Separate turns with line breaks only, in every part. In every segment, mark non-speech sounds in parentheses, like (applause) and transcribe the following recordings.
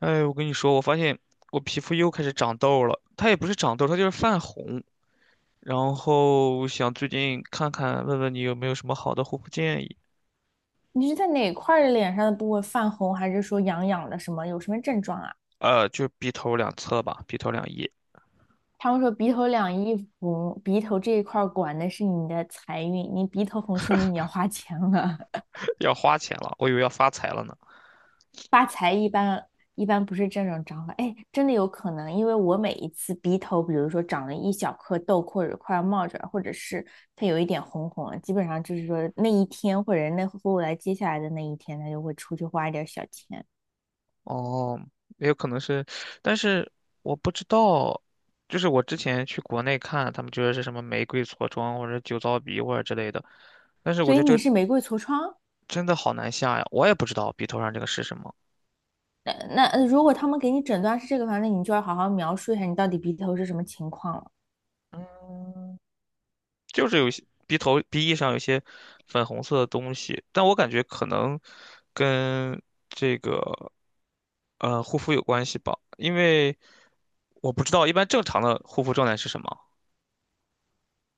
哎，我跟你说，我发现我皮肤又开始长痘了，它也不是长痘，它就是泛红。然后想最近看看，问问你有没有什么好的护肤建议？
你是在哪块儿的脸上的部位泛红，还是说痒痒的什么？有什么症状啊？
就鼻头两侧吧，鼻头两翼。
他们说鼻头两翼红，鼻头这一块儿管的是你的财运，你鼻头红说明你要花钱了。
(laughs) 要花钱了，我以为要发财了呢。
(laughs) 发财一般不是这种长法，哎，真的有可能，因为我每一次鼻头，比如说长了一小颗痘，或者快要冒出来，或者是它有一点红红了，基本上就是说那一天或者那后来接下来的那一天，它就会出去花一点小钱。
哦，也有可能是，但是我不知道，就是我之前去国内看，他们觉得是什么玫瑰痤疮或者酒糟鼻或者之类的，但是我
所
觉
以
得这
你
个
是玫瑰痤疮？
真的好难下呀，我也不知道鼻头上这个是什么。
那如果他们给你诊断是这个的话，那你就要好好描述一下你到底鼻头是什么情况了。
嗯，就是有一些鼻头鼻翼上有一些粉红色的东西，但我感觉可能跟这个护肤有关系吧，因为我不知道一般正常的护肤状态是什么。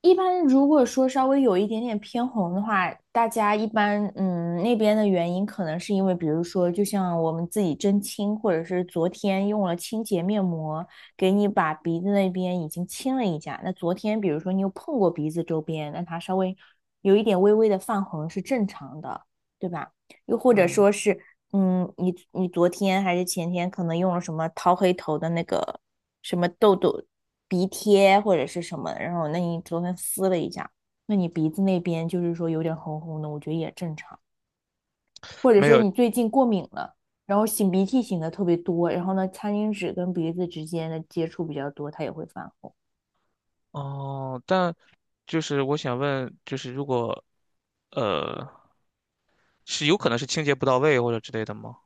一般如果说稍微有一点点偏红的话，大家一般那边的原因可能是因为，比如说，就像我们自己针清，或者是昨天用了清洁面膜，给你把鼻子那边已经清了一下。那昨天比如说你有碰过鼻子周边，那它稍微有一点微微的泛红是正常的，对吧？又或者
嗯，
说是，嗯，你昨天还是前天可能用了什么掏黑头的那个什么痘痘、鼻贴或者是什么，然后那你昨天撕了一下，那你鼻子那边就是说有点红红的，我觉得也正常。或者
没
说
有。
你最近过敏了，然后擤鼻涕擤的特别多，然后呢，餐巾纸跟鼻子之间的接触比较多，它也会泛红。
哦，但就是我想问，就是如果呃是有可能是清洁不到位或者之类的吗？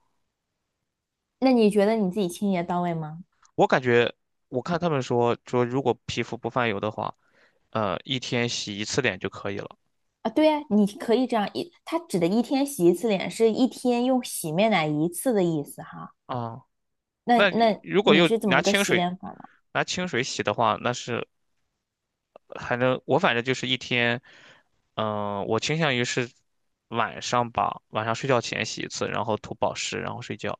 那你觉得你自己清洁到位吗？
我感觉我看他们说说如果皮肤不泛油的话，一天洗一次脸就可以了。
啊，对呀，你可以这样一，它指的一天洗一次脸是一天用洗面奶一次的意思哈。
啊，
那
那你
那
如果
你
又
是怎
拿
么个
清
洗
水
脸法呢？
洗的话，那是还能我反正就是一天，嗯、我倾向于是晚上吧，晚上睡觉前洗一次，然后涂保湿，然后睡觉，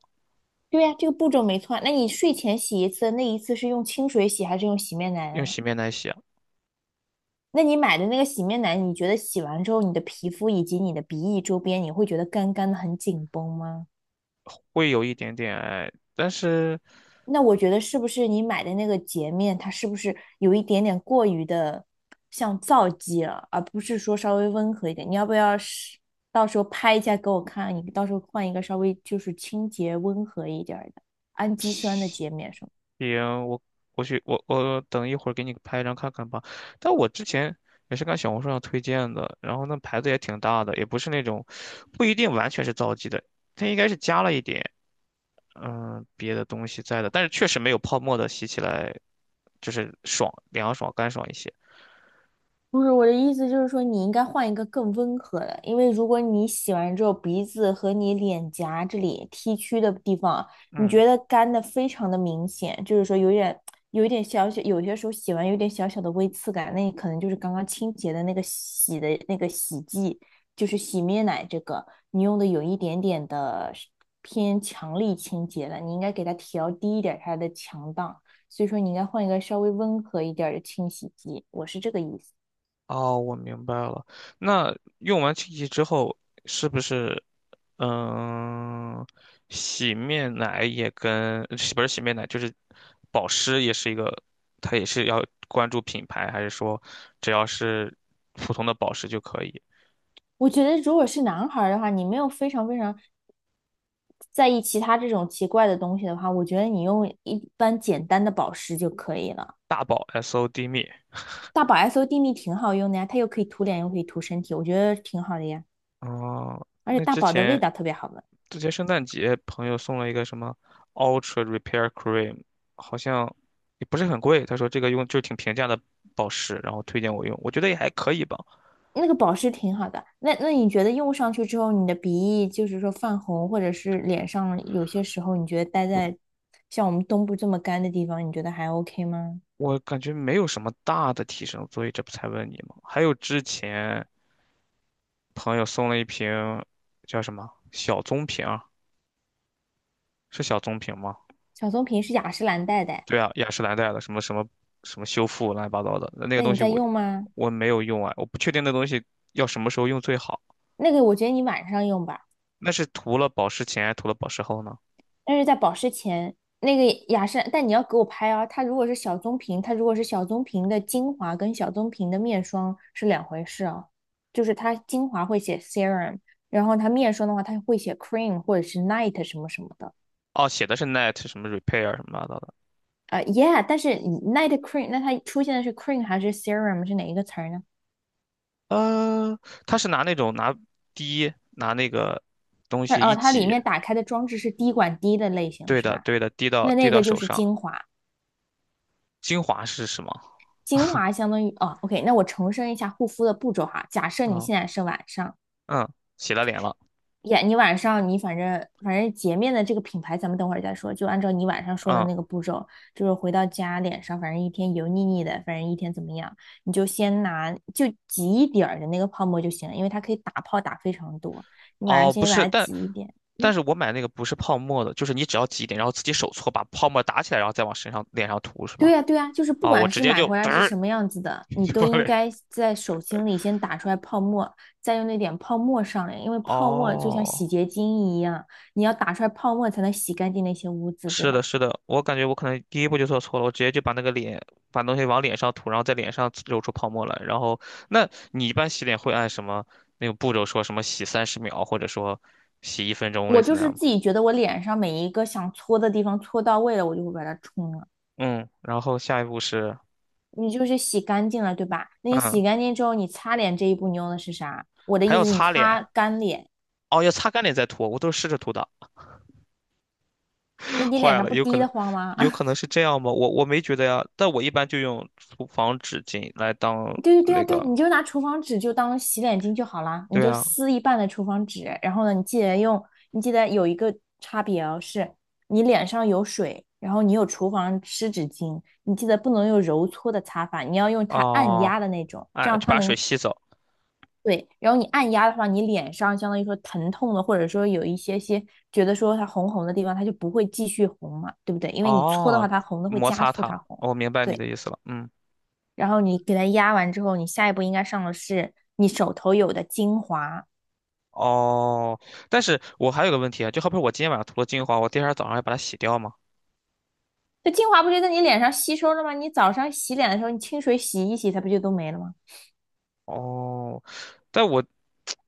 对呀，这个步骤没错啊。那你睡前洗一次，那一次是用清水洗还是用洗面奶
用
啊？
洗面奶洗啊，
那你买的那个洗面奶，你觉得洗完之后，你的皮肤以及你的鼻翼周边，你会觉得干干的很紧绷吗？
会有一点点哎，但是
那我觉得是不是你买的那个洁面，它是不是有一点点过于的像皂基了，而不是说稍微温和一点？你要不要是到时候拍一下给我看？你到时候换一个稍微就是清洁温和一点儿的氨基酸的洁面什么的。
行，我去我我等一会儿给你拍一张看看吧。但我之前也是看小红书上推荐的，然后那牌子也挺大的，也不是那种不一定完全是皂基的，它应该是加了一点。嗯，别的东西在的，但是确实没有泡沫的洗起来就是爽、凉爽、干爽一些。
不是我的意思，就是说你应该换一个更温和的，因为如果你洗完之后鼻子和你脸颊这里 T 区的地方，你
嗯，
觉得干的非常的明显，就是说有一点小小，有些时候洗完有点小小的微刺感，那你可能就是刚刚清洁的那个洗的那个洗剂，就是洗面奶这个，你用的有一点点的偏强力清洁了，你应该给它调低一点它的强档，所以说你应该换一个稍微温和一点儿的清洗剂，我是这个意思。
哦，我明白了。那用完清洗之后，是不是嗯，洗面奶也跟洗不是洗面奶，就是保湿也是一个，它也是要关注品牌，还是说只要是普通的保湿就可以？
我觉得，如果是男孩儿的话，你没有非常非常在意其他这种奇怪的东西的话，我觉得你用一般简单的保湿就可以了。
大宝 SOD 蜜。
大宝 S O D 蜜挺好用的呀，它又可以涂脸，又可以涂身体，我觉得挺好的呀。
哦，
而且
那
大
之
宝的味
前
道特别好闻，
之前圣诞节朋友送了一个什么 Ultra Repair Cream，好像也不是很贵，他说这个用就挺平价的保湿，然后推荐我用，我觉得也还可以吧，
那个保湿挺好的。那你觉得用上去之后，你的鼻翼就是说泛红，或者是脸上有些时候你觉得待在像我们东部这么干的地方，你觉得还 OK 吗？
我感觉没有什么大的提升，所以这不才问你嘛。还有之前朋友送了一瓶叫什么小棕瓶儿，是小棕瓶吗？
小棕瓶是雅诗兰黛的，
对啊，雅诗兰黛的什么什么什么修复乱七八糟的那个
那
东
你
西
在
我
用吗？
我没有用啊，我不确定那东西要什么时候用最好，
那个我觉得你晚上用吧。
那是涂了保湿前还是涂了保湿后呢？
但是在保湿前，那个雅诗兰，但你要给我拍啊。它如果是小棕瓶，它如果是小棕瓶的精华跟小棕瓶的面霜是两回事啊。就是它精华会写 serum，然后它面霜的话，它会写 cream 或者是 night 什么什么的。
哦，写的是 net 什么 repair 什么乱七八糟的。
yeah，但是 night cream，那它出现的是 cream 还是 serum 是哪一个词儿呢？
呃，他是拿那种拿那个东
它
西
哦，
一
它里
挤，
面打开的装置是滴管滴的类型
对
是
的
吧？
对的，滴到
那
滴
那
到
个就
手
是
上。
精华，
精华是什么？
精华相当于哦，OK，那我重申一下护肤的步骤哈。假设你
嗯
现在是晚上。
嗯，洗了脸了。
呀，你晚上你反正洁面的这个品牌，咱们等会儿再说。就按照你晚上说的
嗯，
那个步骤，就是回到家脸上，反正一天油腻腻的，反正一天怎么样，你就先拿就挤一点儿的那个泡沫就行了，因为它可以打泡打非常多。你晚上
哦，不
先
是，
把它
但
挤一点。
但
嗯，
是我买那个不是泡沫的，就是你只要挤一点，然后自己手搓把泡沫打起来，然后再往身上脸上涂是
对
吗？
呀，对呀，就是不
哦，我
管
直
是
接
买
就
回来
嘚
是
儿
什么样子的，
(laughs)
你
就
都
往
应
脸。
该在手心里先打出来泡沫，再用那点泡沫上来，因为泡沫就像
哦，
洗洁精一样，你要打出来泡沫才能洗干净那些污渍，对
是的，
吧？
是的，我感觉我可能第一步就做错了，我直接就把那个脸，把东西往脸上涂，然后在脸上揉出泡沫来。然后，那你一般洗脸会按什么那个步骤说什么洗30秒，或者说洗一分钟，类
我
似
就
那
是
样吗？
自己觉得我脸上每一个想搓的地方搓到位了，我就会把它冲了。
嗯，然后下一步是，
你就是洗干净了，对吧？那你
嗯，
洗干净之后，你擦脸这一步你用的是啥？我的
还
意
要
思，你
擦脸，
擦干脸，
哦，要擦干脸再涂，我都是试着涂的。
那
(laughs)
你脸
坏
上
了，
不
有可
滴
能，
得慌吗？
有可
(laughs)
能是这样吗？我没觉得呀，但我一般就用厨房纸巾来当
对对对啊，
那
对啊，
个，
你就拿厨房纸就当洗脸巾就好啦，你
对
就
啊，
撕一半的厨房纸，然后呢，你记得用，你记得有一个差别哦，是你脸上有水，然后你有厨房湿纸巾，你记得不能用揉搓的擦法，你要用它按
哦，
压的那种，这
哎，
样
就
它
把水
能，
吸走。
对，然后你按压的话，你脸上相当于说疼痛的，或者说有一些些觉得说它红红的地方，它就不会继续红嘛，对不对？因为你搓的话，
哦，
它红的会
摩
加
擦
速
它，
它红。
哦我明白你
对，
的意思了。嗯，
然后你给它压完之后，你下一步应该上的是你手头有的精华。
哦，但是我还有个问题啊，就好比我今天晚上涂了精华，我第二天早上要把它洗掉吗？
这精华不就在你脸上吸收了吗？你早上洗脸的时候，你清水洗一洗，它不就都没了吗？
哦，但我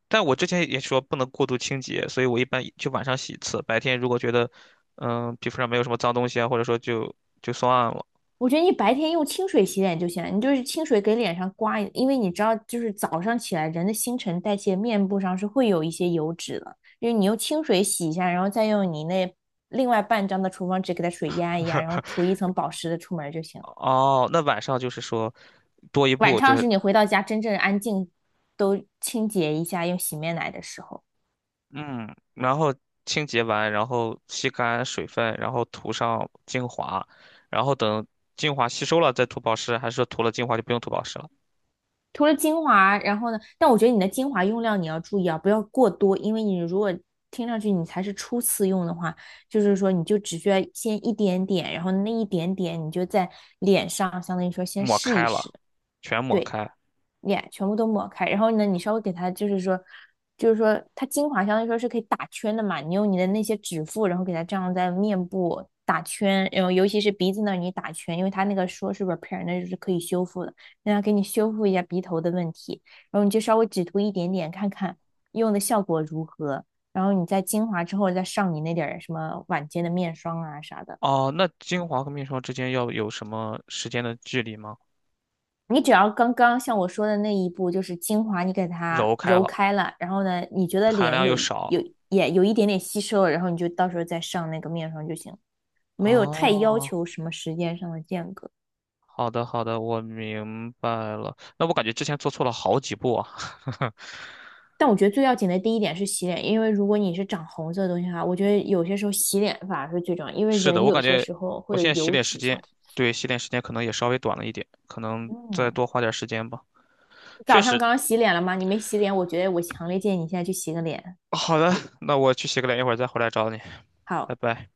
但我之前也说不能过度清洁，所以我一般就晚上洗一次，白天如果觉得皮肤上没有什么脏东西啊，或者说就算了。
我觉得你白天用清水洗脸就行了，你就是清水给脸上刮一，因为你知道，就是早上起来人的新陈代谢，面部上是会有一些油脂的，就是你用清水洗一下，然后再用你那另外半张的厨房纸给它水压一压，然后涂一层保湿的出门就行了。
哦，那晚上就是说多一
晚
步，就
上
是
是你回到家真正安静，都清洁一下用洗面奶的时候。
嗯，然后清洁完，然后吸干水分，然后涂上精华，然后等精华吸收了再涂保湿，还是说涂了精华就不用涂保湿了？
涂了精华，然后呢，但我觉得你的精华用量你要注意啊，不要过多，因为你如果听上去你才是初次用的话，就是说你就只需要先一点点，然后那一点点你就在脸上，相当于说先
抹
试一
开了，
试。
全抹
对，
开。
脸全部都抹开，然后呢，你稍微给它就是说，就是说它精华相当于说是可以打圈的嘛，你用你的那些指腹，然后给它这样在面部打圈，然后尤其是鼻子那儿你打圈，因为它那个说是 repair，那就是可以修复的，让它给你修复一下鼻头的问题，然后你就稍微只涂一点点看看用的效果如何，然后你在精华之后再上你那点儿什么晚间的面霜啊啥的。
哦，那精华和面霜之间要有什么时间的距离吗？
你只要刚刚像我说的那一步，就是精华，你给它
揉开
揉
了，
开了，然后呢，你觉得
含
脸
量
有
又
一有
少。
也有一点点吸收了，然后你就到时候再上那个面霜就行，没有太要
哦，
求什么时间上的间隔。
好的好的，我明白了。那我感觉之前做错了好几步啊。
但我觉得最要紧的第一点是洗脸，因为如果你是长红色的东西的话，我觉得有些时候洗脸反而是最重要，因为
是的，
人
我
有
感
些
觉
时候
我
会有
现在洗
油
脸时
脂下
间，
体。
对，洗脸时间可能也稍微短了一点，可能再
嗯，
多花点时间吧。
早
确
上
实，
刚刚洗脸了吗？你没洗脸，我觉得我强烈建议你现在去洗个脸。
好的，那我去洗个脸，一会儿再回来找你，拜
好。
拜。